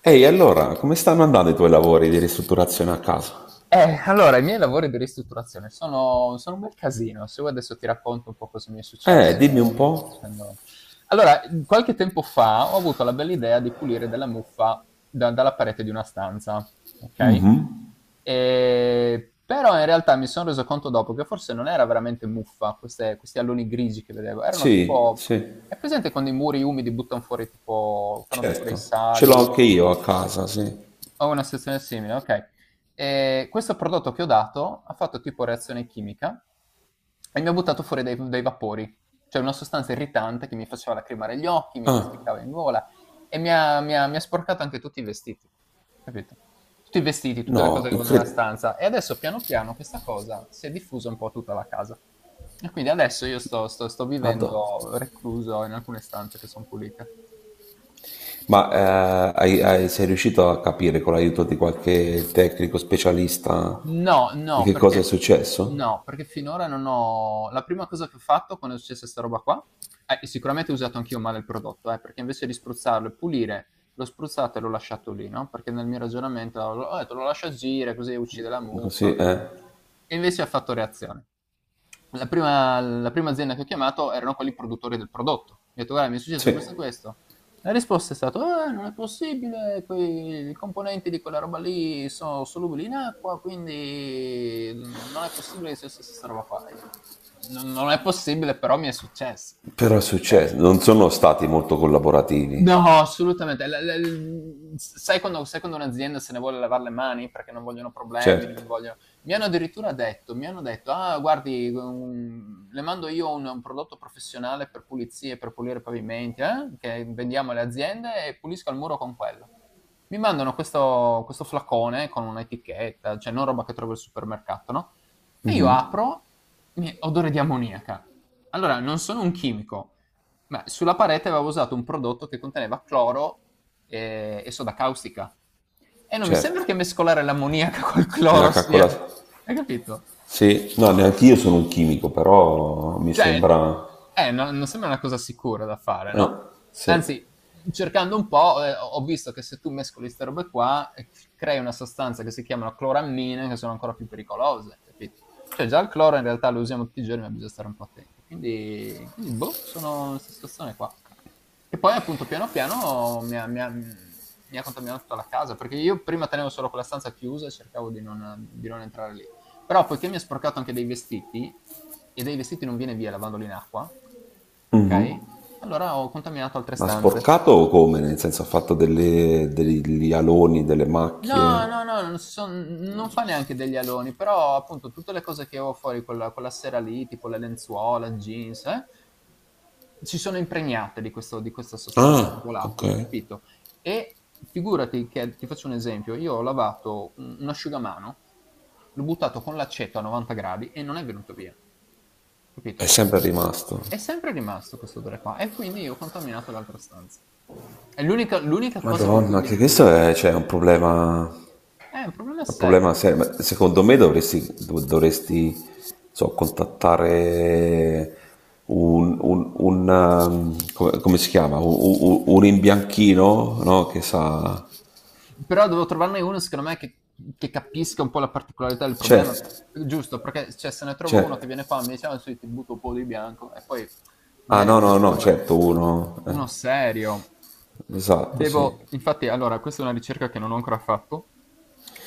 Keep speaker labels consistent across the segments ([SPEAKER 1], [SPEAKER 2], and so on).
[SPEAKER 1] Ehi, allora, come stanno andando i tuoi lavori di ristrutturazione a casa?
[SPEAKER 2] Allora, i miei lavori di ristrutturazione sono un bel casino. Se vuoi adesso ti racconto un po' cosa mi è
[SPEAKER 1] Dimmi un
[SPEAKER 2] successo.
[SPEAKER 1] po'.
[SPEAKER 2] facendo- Allora, qualche tempo fa ho avuto la bella idea di pulire della muffa dalla parete di una stanza, ok? Però in realtà mi sono reso conto dopo che forse non era veramente muffa, questi alloni grigi che vedevo, erano
[SPEAKER 1] Sì,
[SPEAKER 2] tipo.
[SPEAKER 1] sì,
[SPEAKER 2] È presente quando i muri umidi buttano fuori tipo, fanno tipo dei
[SPEAKER 1] certo. Ce l'ho
[SPEAKER 2] sali?
[SPEAKER 1] anche io a casa, sì.
[SPEAKER 2] Ho una situazione simile, okay. Questo prodotto che ho dato ha fatto tipo reazione chimica e mi ha buttato fuori dei vapori, cioè una sostanza irritante che mi faceva lacrimare gli occhi, mi
[SPEAKER 1] Ah,
[SPEAKER 2] piassicava in gola e mi ha sporcato anche tutti i vestiti, capito? Tutti i vestiti, tutte le cose
[SPEAKER 1] no,
[SPEAKER 2] che avevo nella
[SPEAKER 1] incredibile.
[SPEAKER 2] stanza e adesso piano piano questa cosa si è diffusa un po' a tutta la casa. E quindi adesso io sto
[SPEAKER 1] Madonna.
[SPEAKER 2] vivendo recluso in alcune stanze che son pulite.
[SPEAKER 1] Ma sei riuscito a capire con l'aiuto di qualche tecnico specialista
[SPEAKER 2] No,
[SPEAKER 1] di
[SPEAKER 2] no,
[SPEAKER 1] che cosa è
[SPEAKER 2] perché
[SPEAKER 1] successo?
[SPEAKER 2] no, perché finora non ho, la prima cosa che ho fatto quando è successa 'sta roba qua, sicuramente ho usato anch'io male il prodotto, perché invece di spruzzarlo e pulire, l'ho spruzzato e l'ho lasciato lì, no, perché nel mio ragionamento ho detto: "Lo lascio agire così uccide la muffa".
[SPEAKER 1] Così, eh?
[SPEAKER 2] E invece ha fatto reazione. La prima azienda che ho chiamato erano quelli produttori del prodotto. Gli ho detto: "Guarda, mi è successo
[SPEAKER 1] Sì,
[SPEAKER 2] questo e questo". La risposta è stata: non è possibile, quei i componenti di quella roba lì sono solubili in acqua, quindi non è possibile che sia successa 'sta roba qua". Io: "Non è possibile, però mi è successo".
[SPEAKER 1] però è
[SPEAKER 2] Okay.
[SPEAKER 1] successo.
[SPEAKER 2] Okay.
[SPEAKER 1] Non sono stati molto collaborativi.
[SPEAKER 2] No, assolutamente. La la l s sai quando un'azienda se ne vuole lavar le mani perché non vogliono problemi, non
[SPEAKER 1] Certo,
[SPEAKER 2] vogliono, mi hanno addirittura detto mi hanno detto: "Ah guardi, le mando io un prodotto professionale per pulizie, per pulire i pavimenti, che vendiamo alle aziende e pulisco il muro con quello." Mi mandano questo flacone con un'etichetta, cioè non roba che trovi al supermercato, no, e io apro, odore di ammoniaca. Allora, non sono un chimico, ma sulla parete avevo usato un prodotto che conteneva cloro, e, soda caustica. E non mi sembra
[SPEAKER 1] certo.
[SPEAKER 2] che mescolare l'ammoniaca col
[SPEAKER 1] Mi ha
[SPEAKER 2] cloro sia.
[SPEAKER 1] calcolato.
[SPEAKER 2] Hai capito?
[SPEAKER 1] Sì, no, neanche io sono un chimico, però mi
[SPEAKER 2] Cioè,
[SPEAKER 1] sembra...
[SPEAKER 2] Non sembra una cosa sicura da fare, no?
[SPEAKER 1] Sì.
[SPEAKER 2] Anzi, cercando un po', ho visto che se tu mescoli queste robe qua, crei una sostanza che si chiamano clorammine, che sono ancora più pericolose, capito? Cioè, già il cloro in realtà lo usiamo tutti i giorni, ma bisogna stare un po' attenti. Quindi boh, sono in questa situazione qua. E poi, appunto, piano piano mi ha contaminato tutta la casa, perché io prima tenevo solo quella stanza chiusa e cercavo di non entrare lì. Però poiché mi ha sporcato anche dei vestiti, e dai vestiti non viene via lavandoli in acqua, ok? Allora ho contaminato altre
[SPEAKER 1] Ma
[SPEAKER 2] stanze.
[SPEAKER 1] sporcato o come? Nel senso ha fatto degli aloni, delle
[SPEAKER 2] No,
[SPEAKER 1] macchie?
[SPEAKER 2] no, no, non fa neanche degli aloni, però appunto tutte le cose che avevo fuori quella, quella sera lì, tipo le lenzuola, jeans, si sono impregnate di, di questa sostanza
[SPEAKER 1] Ah, ok.
[SPEAKER 2] volatile, capito? E figurati che, ti faccio un esempio, io ho lavato un asciugamano, l'ho buttato con l'aceto a 90 gradi e non è venuto via.
[SPEAKER 1] È
[SPEAKER 2] Capito?
[SPEAKER 1] sempre rimasto.
[SPEAKER 2] È sempre rimasto questo odore qua e quindi io ho contaminato l'altra stanza. È l'unica cosa con cui
[SPEAKER 1] Madonna, che
[SPEAKER 2] viene
[SPEAKER 1] questo
[SPEAKER 2] via,
[SPEAKER 1] è, cioè,
[SPEAKER 2] un problema
[SPEAKER 1] un problema
[SPEAKER 2] serio.
[SPEAKER 1] serio. Ma secondo me dovresti, dovresti, so, contattare un, un, come, come si chiama? Un, un imbianchino, no? Che sa...
[SPEAKER 2] Però devo trovarne uno, secondo me, che capisca un po' la particolarità del problema.
[SPEAKER 1] Certo,
[SPEAKER 2] Giusto, perché cioè, se ne trovo uno che viene
[SPEAKER 1] certo.
[SPEAKER 2] qua e mi dice, ah, sì, ti butto un po' di bianco e poi
[SPEAKER 1] Ah
[SPEAKER 2] magari
[SPEAKER 1] no,
[SPEAKER 2] viene
[SPEAKER 1] no, no,
[SPEAKER 2] fuori.
[SPEAKER 1] certo, uno.
[SPEAKER 2] Uno serio.
[SPEAKER 1] Esatto, sì.
[SPEAKER 2] Devo, infatti, allora, questa è una ricerca che non ho ancora fatto.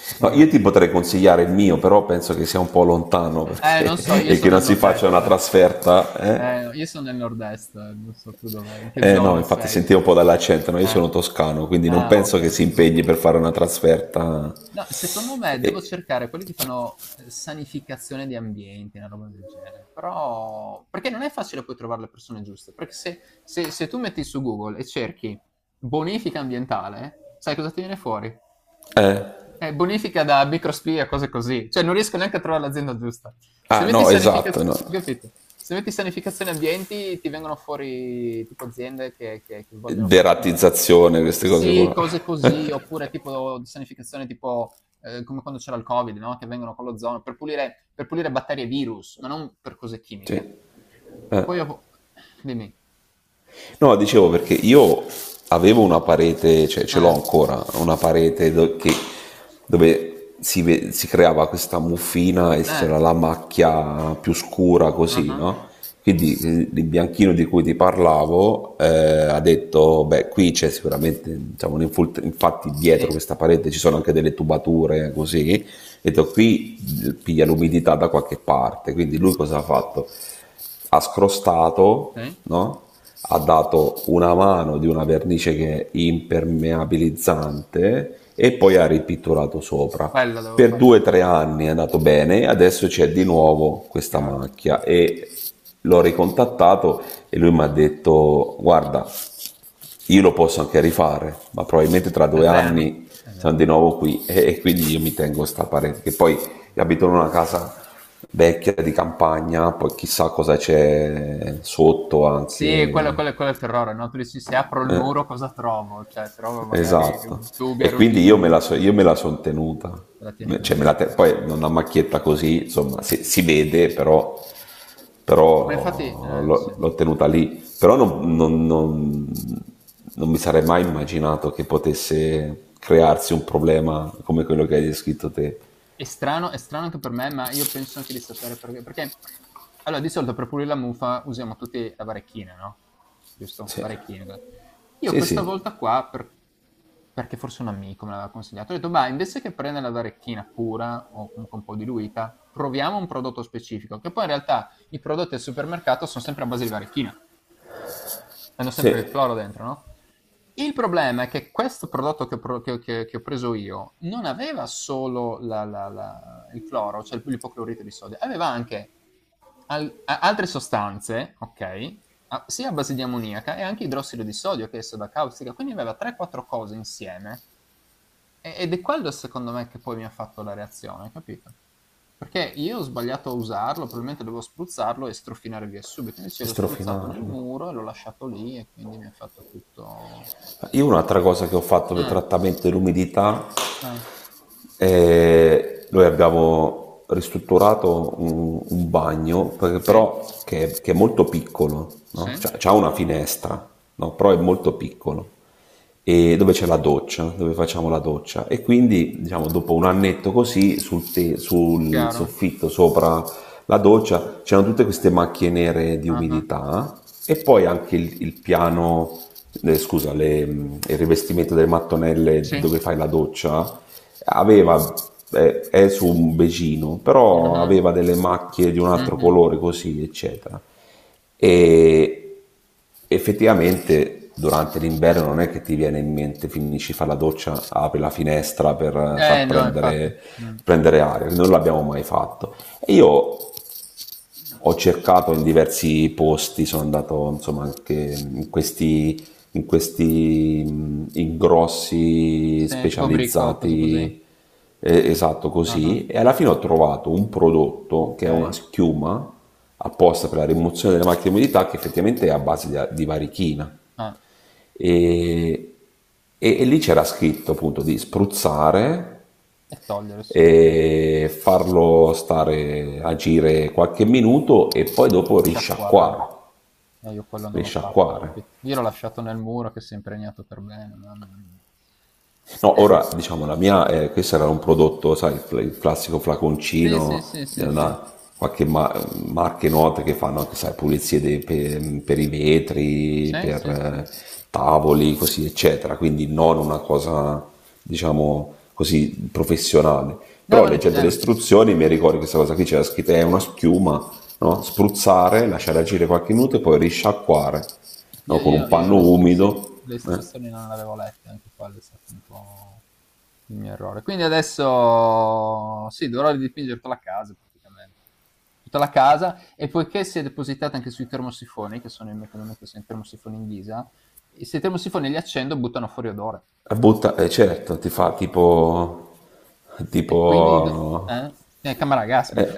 [SPEAKER 1] No, io ti
[SPEAKER 2] Sì.
[SPEAKER 1] potrei consigliare il mio, però penso che sia un po' lontano
[SPEAKER 2] Non
[SPEAKER 1] perché,
[SPEAKER 2] so, io
[SPEAKER 1] e che
[SPEAKER 2] sono
[SPEAKER 1] non
[SPEAKER 2] nel
[SPEAKER 1] si faccia
[SPEAKER 2] nord-est.
[SPEAKER 1] una trasferta. Eh?
[SPEAKER 2] No, io sono nel nord-est, non so tu dov'è, in che
[SPEAKER 1] No,
[SPEAKER 2] zona
[SPEAKER 1] infatti
[SPEAKER 2] sei?
[SPEAKER 1] sentivo un po' dall'accento, no? Io
[SPEAKER 2] Eh,
[SPEAKER 1] sono toscano, quindi non
[SPEAKER 2] Ah, ok,
[SPEAKER 1] penso che si
[SPEAKER 2] siamo di-
[SPEAKER 1] impegni per fare una trasferta.
[SPEAKER 2] No, secondo me devo
[SPEAKER 1] E-
[SPEAKER 2] cercare quelli che fanno, sanificazione di ambienti, una roba del genere. Però, perché non è facile poi trovare le persone giuste. Perché se, se tu metti su Google e cerchi bonifica ambientale, sai cosa ti viene fuori?
[SPEAKER 1] eh.
[SPEAKER 2] Bonifica da microspia, cose così. Cioè, non riesco neanche a trovare l'azienda giusta. Se
[SPEAKER 1] Ah
[SPEAKER 2] metti
[SPEAKER 1] no, esatto,
[SPEAKER 2] sanificazione,
[SPEAKER 1] no.
[SPEAKER 2] capito? Se metti sanificazione ambienti, ti vengono fuori tipo aziende che, che vogliono fare
[SPEAKER 1] Deratizzazione, queste cose
[SPEAKER 2] Sì,
[SPEAKER 1] qua.
[SPEAKER 2] cose così, oppure tipo di sanificazione tipo, come quando c'era il Covid, no? Che vengono con l'ozono per pulire batterie e virus, ma non per cose
[SPEAKER 1] Sì.
[SPEAKER 2] chimiche. Poi
[SPEAKER 1] eh.
[SPEAKER 2] ho. Dimmi.
[SPEAKER 1] No, dicevo perché io avevo una parete, cioè ce l'ho
[SPEAKER 2] Eh,
[SPEAKER 1] ancora, una parete dove si, si creava questa muffina e
[SPEAKER 2] eh,
[SPEAKER 1] c'era la macchia più scura
[SPEAKER 2] ah,
[SPEAKER 1] così,
[SPEAKER 2] ah,
[SPEAKER 1] no? Quindi il bianchino di cui ti parlavo ha detto, beh, qui c'è sicuramente, diciamo, un infatti dietro
[SPEAKER 2] sì,
[SPEAKER 1] questa parete ci sono anche delle tubature così, e detto qui piglia l'umidità da qualche parte, quindi lui
[SPEAKER 2] sì,
[SPEAKER 1] cosa ha fatto? Ha scrostato,
[SPEAKER 2] sì.
[SPEAKER 1] no? Ha dato una mano di una vernice che è impermeabilizzante e poi ha ripitturato sopra.
[SPEAKER 2] Quello devo
[SPEAKER 1] Per due o
[SPEAKER 2] farlo,
[SPEAKER 1] tre anni è andato bene, adesso c'è di nuovo questa
[SPEAKER 2] chiaro. Mm.
[SPEAKER 1] macchia e l'ho ricontattato e lui mi ha detto guarda io lo posso anche rifare, ma probabilmente tra
[SPEAKER 2] Tra
[SPEAKER 1] due
[SPEAKER 2] 3 anni?
[SPEAKER 1] anni siamo
[SPEAKER 2] Esatto.
[SPEAKER 1] di nuovo qui e quindi io mi tengo sta parete, che poi abito in una casa vecchia di campagna, poi chissà cosa c'è sotto
[SPEAKER 2] Sì, quello,
[SPEAKER 1] anche.
[SPEAKER 2] quello è il terrore, no? Tu dici, se apro il
[SPEAKER 1] Eh,
[SPEAKER 2] muro cosa trovo? Cioè, trovo magari
[SPEAKER 1] esatto.
[SPEAKER 2] tubi
[SPEAKER 1] E quindi io
[SPEAKER 2] arrugginiti, te
[SPEAKER 1] io me la sono tenuta.
[SPEAKER 2] la tieni
[SPEAKER 1] Cioè,
[SPEAKER 2] così.
[SPEAKER 1] poi una macchietta così, insomma, si vede, però
[SPEAKER 2] Ma infatti,
[SPEAKER 1] però
[SPEAKER 2] sì.
[SPEAKER 1] l'ho, l'ho tenuta lì. Però non mi sarei mai immaginato che potesse crearsi un problema come quello che hai descritto te.
[SPEAKER 2] È strano anche per me, ma io penso anche di sapere perché. Perché, allora, di solito per pulire la muffa usiamo tutti la varecchina, no? Giusto?
[SPEAKER 1] Sì,
[SPEAKER 2] Varecchina. Io
[SPEAKER 1] sì,
[SPEAKER 2] questa
[SPEAKER 1] sì,
[SPEAKER 2] volta qua, perché forse un amico me l'aveva consigliato, ho detto, ma invece che prendere la varecchina pura o comunque un po' diluita, proviamo un prodotto specifico, che poi in realtà i prodotti al supermercato sono sempre a base di varecchina. Hanno
[SPEAKER 1] sì.
[SPEAKER 2] sempre il
[SPEAKER 1] E
[SPEAKER 2] cloro dentro, no? Il problema è che questo prodotto che ho, pro- che ho preso io non aveva solo il cloro, cioè l'ipoclorito di sodio, aveva anche, altre sostanze, ok? Sia a base di ammoniaca e anche idrossido di sodio che è soda caustica, quindi aveva 3-4 cose insieme, ed è quello secondo me che poi mi ha fatto la reazione, capito? Perché io ho sbagliato a usarlo, probabilmente dovevo spruzzarlo e strofinare via subito, invece l'ho spruzzato nel
[SPEAKER 1] strofinarlo.
[SPEAKER 2] muro e l'ho lasciato lì e quindi mi ha fatto tutto.
[SPEAKER 1] Io un'altra cosa che ho fatto per
[SPEAKER 2] Ah,
[SPEAKER 1] trattamento dell'umidità.
[SPEAKER 2] ah,
[SPEAKER 1] E noi abbiamo ristrutturato un bagno, perché
[SPEAKER 2] sì,
[SPEAKER 1] però che è molto piccolo, no?
[SPEAKER 2] sì,
[SPEAKER 1] Cioè, c'ha una finestra, no? Però è molto piccolo e dove c'è la doccia, dove facciamo la doccia e quindi diciamo dopo un annetto così sul
[SPEAKER 2] chiaro.
[SPEAKER 1] soffitto sopra la doccia c'erano tutte queste macchie nere di
[SPEAKER 2] Ah, ah,
[SPEAKER 1] umidità e poi anche il piano, scusa, il rivestimento delle mattonelle
[SPEAKER 2] sì.
[SPEAKER 1] dove fai la doccia aveva, è su un becino, però
[SPEAKER 2] Mhm,
[SPEAKER 1] aveva delle macchie di un altro
[SPEAKER 2] mhm.
[SPEAKER 1] colore così, eccetera. E effettivamente durante l'inverno non è che ti viene in mente, finisci, fare la doccia, apri la finestra per
[SPEAKER 2] Eh
[SPEAKER 1] far
[SPEAKER 2] no, infatti.
[SPEAKER 1] prendere,
[SPEAKER 2] Mm.
[SPEAKER 1] prendere aria, non l'abbiamo mai fatto. E io ho cercato in diversi posti, sono andato insomma anche in questi ingrossi
[SPEAKER 2] Sì, tipo bricco, o cose così.
[SPEAKER 1] specializzati, esatto
[SPEAKER 2] Ah, ah,
[SPEAKER 1] così, e alla fine ho trovato un prodotto che è una
[SPEAKER 2] ok.
[SPEAKER 1] schiuma apposta per la rimozione delle macchie di umidità che effettivamente è a base di varichina.
[SPEAKER 2] Ah,
[SPEAKER 1] E, e lì c'era scritto appunto di spruzzare
[SPEAKER 2] e togliere subito,
[SPEAKER 1] e farlo stare agire qualche minuto e poi dopo
[SPEAKER 2] sciacquare.
[SPEAKER 1] risciacquare,
[SPEAKER 2] E io quello non l'ho fatto,
[SPEAKER 1] risciacquare.
[SPEAKER 2] capito? Io l'ho lasciato nel muro che si è impregnato per bene, mamma mia.
[SPEAKER 1] No,
[SPEAKER 2] Eh,
[SPEAKER 1] ora diciamo la mia, questo era un prodotto, sai, il, il classico
[SPEAKER 2] sì, sì,
[SPEAKER 1] flaconcino,
[SPEAKER 2] sì,
[SPEAKER 1] eh,
[SPEAKER 2] sì, sì,
[SPEAKER 1] una- qualche ma- marche note che fanno anche, sai, per i vetri,
[SPEAKER 2] sì,
[SPEAKER 1] per
[SPEAKER 2] sì, sì.
[SPEAKER 1] eh, tavoli, così, eccetera. Quindi non una cosa, diciamo, così professionale.
[SPEAKER 2] No,
[SPEAKER 1] Però
[SPEAKER 2] ma neanche-
[SPEAKER 1] leggendo le
[SPEAKER 2] eh,
[SPEAKER 1] istruzioni mi ricordo che questa cosa qui c'era scritta, è una schiuma, no? Spruzzare, lasciare agire qualche minuto e poi risciacquare, no?
[SPEAKER 2] io,
[SPEAKER 1] Con
[SPEAKER 2] io-
[SPEAKER 1] un
[SPEAKER 2] io
[SPEAKER 1] panno
[SPEAKER 2] le, sì,
[SPEAKER 1] umido.
[SPEAKER 2] le
[SPEAKER 1] Eh.
[SPEAKER 2] istruzioni non le avevo lette, anche quello è stato un po' il mio errore. Quindi adesso, sì, dovrò ridipingere tutta la casa praticamente. Tutta la casa, e poiché si è depositata anche sui termosifoni, che sono i che mi metto sui termosifoni in ghisa, e se i termosifoni li accendo buttano fuori odore.
[SPEAKER 1] A butta, certo, ti fa tipo,
[SPEAKER 2] E quindi.
[SPEAKER 1] tipo,
[SPEAKER 2] Eh? Camera Gasmi.
[SPEAKER 1] eh,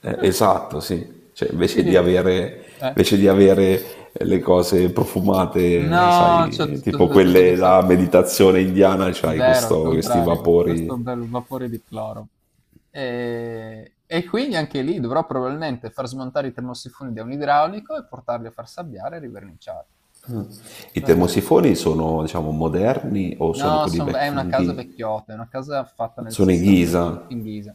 [SPEAKER 1] esatto, sì, cioè,
[SPEAKER 2] Quindi. eh,
[SPEAKER 1] invece di avere le cose profumate,
[SPEAKER 2] No, c'è
[SPEAKER 1] sai,
[SPEAKER 2] tutto,
[SPEAKER 1] tipo
[SPEAKER 2] c'è tutto che
[SPEAKER 1] quelle
[SPEAKER 2] sa-
[SPEAKER 1] la meditazione indiana, c'hai
[SPEAKER 2] Zero, al
[SPEAKER 1] questi
[SPEAKER 2] contrario. Questo
[SPEAKER 1] vapori.
[SPEAKER 2] bel vapore di cloro. E quindi anche lì dovrò probabilmente far smontare i termosifoni da un idraulico e portarli a far sabbiare e riverniciare.
[SPEAKER 1] I
[SPEAKER 2] Bella-
[SPEAKER 1] termosifoni sono, diciamo, moderni o sono
[SPEAKER 2] No,
[SPEAKER 1] quelli
[SPEAKER 2] è
[SPEAKER 1] vecchi
[SPEAKER 2] una
[SPEAKER 1] in
[SPEAKER 2] casa vecchiotta, è una casa fatta nel
[SPEAKER 1] Sono
[SPEAKER 2] 60 in ghisa.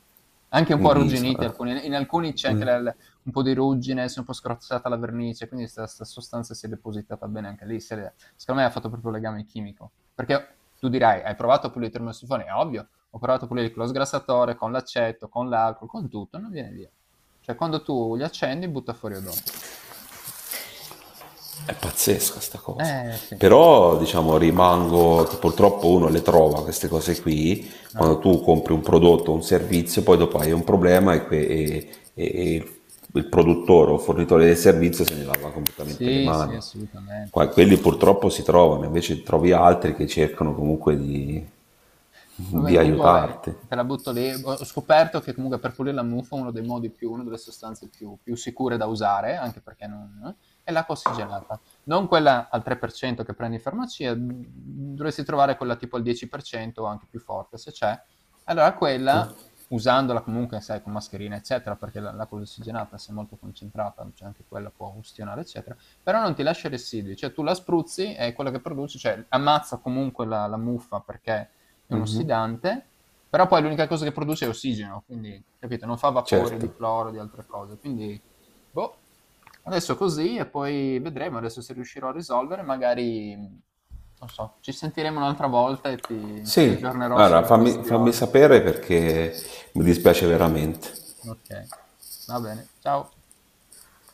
[SPEAKER 2] Anche un
[SPEAKER 1] in
[SPEAKER 2] po'
[SPEAKER 1] ghisa,
[SPEAKER 2] arrugginite,
[SPEAKER 1] eh.
[SPEAKER 2] in alcuni c'è anche, un po' di ruggine, si è un po' scrozzata la vernice, quindi questa sostanza si è depositata bene anche lì. Secondo me ha fatto proprio legame chimico. Perché tu dirai, hai provato a pulire il termosifone? È ovvio, ho provato a pulire con lo sgrassatore, con l'aceto, con l'alcol, con tutto, non viene via. Cioè, quando tu li accendi, butta fuori odore.
[SPEAKER 1] È pazzesca sta cosa.
[SPEAKER 2] Sì.
[SPEAKER 1] Però, diciamo, rimango, che purtroppo uno le trova queste cose qui,
[SPEAKER 2] Eh?
[SPEAKER 1] quando tu compri un prodotto o un servizio, poi dopo hai un problema e, e il produttore o fornitore del servizio se ne lava completamente le
[SPEAKER 2] Sì, sì,
[SPEAKER 1] mani.
[SPEAKER 2] assolutamente.
[SPEAKER 1] Quelli
[SPEAKER 2] Assolutamente.
[SPEAKER 1] purtroppo si trovano, invece trovi altri che cercano comunque di
[SPEAKER 2] Vabbè, comunque vabbè,
[SPEAKER 1] aiutarti.
[SPEAKER 2] te la butto lì. Ho scoperto che comunque per pulire la muffa uno dei modi più, una delle sostanze più sicure da usare, anche perché non, è l'acqua ossigenata. Non quella al 3% che prendi in farmacia, dovresti trovare quella tipo al 10% o anche più forte, se c'è. Allora quella, usandola comunque, sai, con mascherina, eccetera, perché l'acqua ossigenata, se è molto concentrata, cioè anche quella può ustionare, eccetera, però non ti lascia residui, cioè tu la spruzzi e quello che produci, cioè ammazza comunque la muffa perché è uno sfidante, però poi l'unica cosa che produce è ossigeno, quindi capito, non fa vapori
[SPEAKER 1] Certo.
[SPEAKER 2] di cloro, di altre cose, quindi boh, adesso così e poi vedremo adesso se riuscirò a risolvere, magari non so, ci sentiremo un'altra volta e ti
[SPEAKER 1] Sì,
[SPEAKER 2] aggiornerò
[SPEAKER 1] allora
[SPEAKER 2] sulla
[SPEAKER 1] fammi, fammi
[SPEAKER 2] questione.
[SPEAKER 1] sapere perché mi dispiace veramente.
[SPEAKER 2] Ok, va bene, ciao.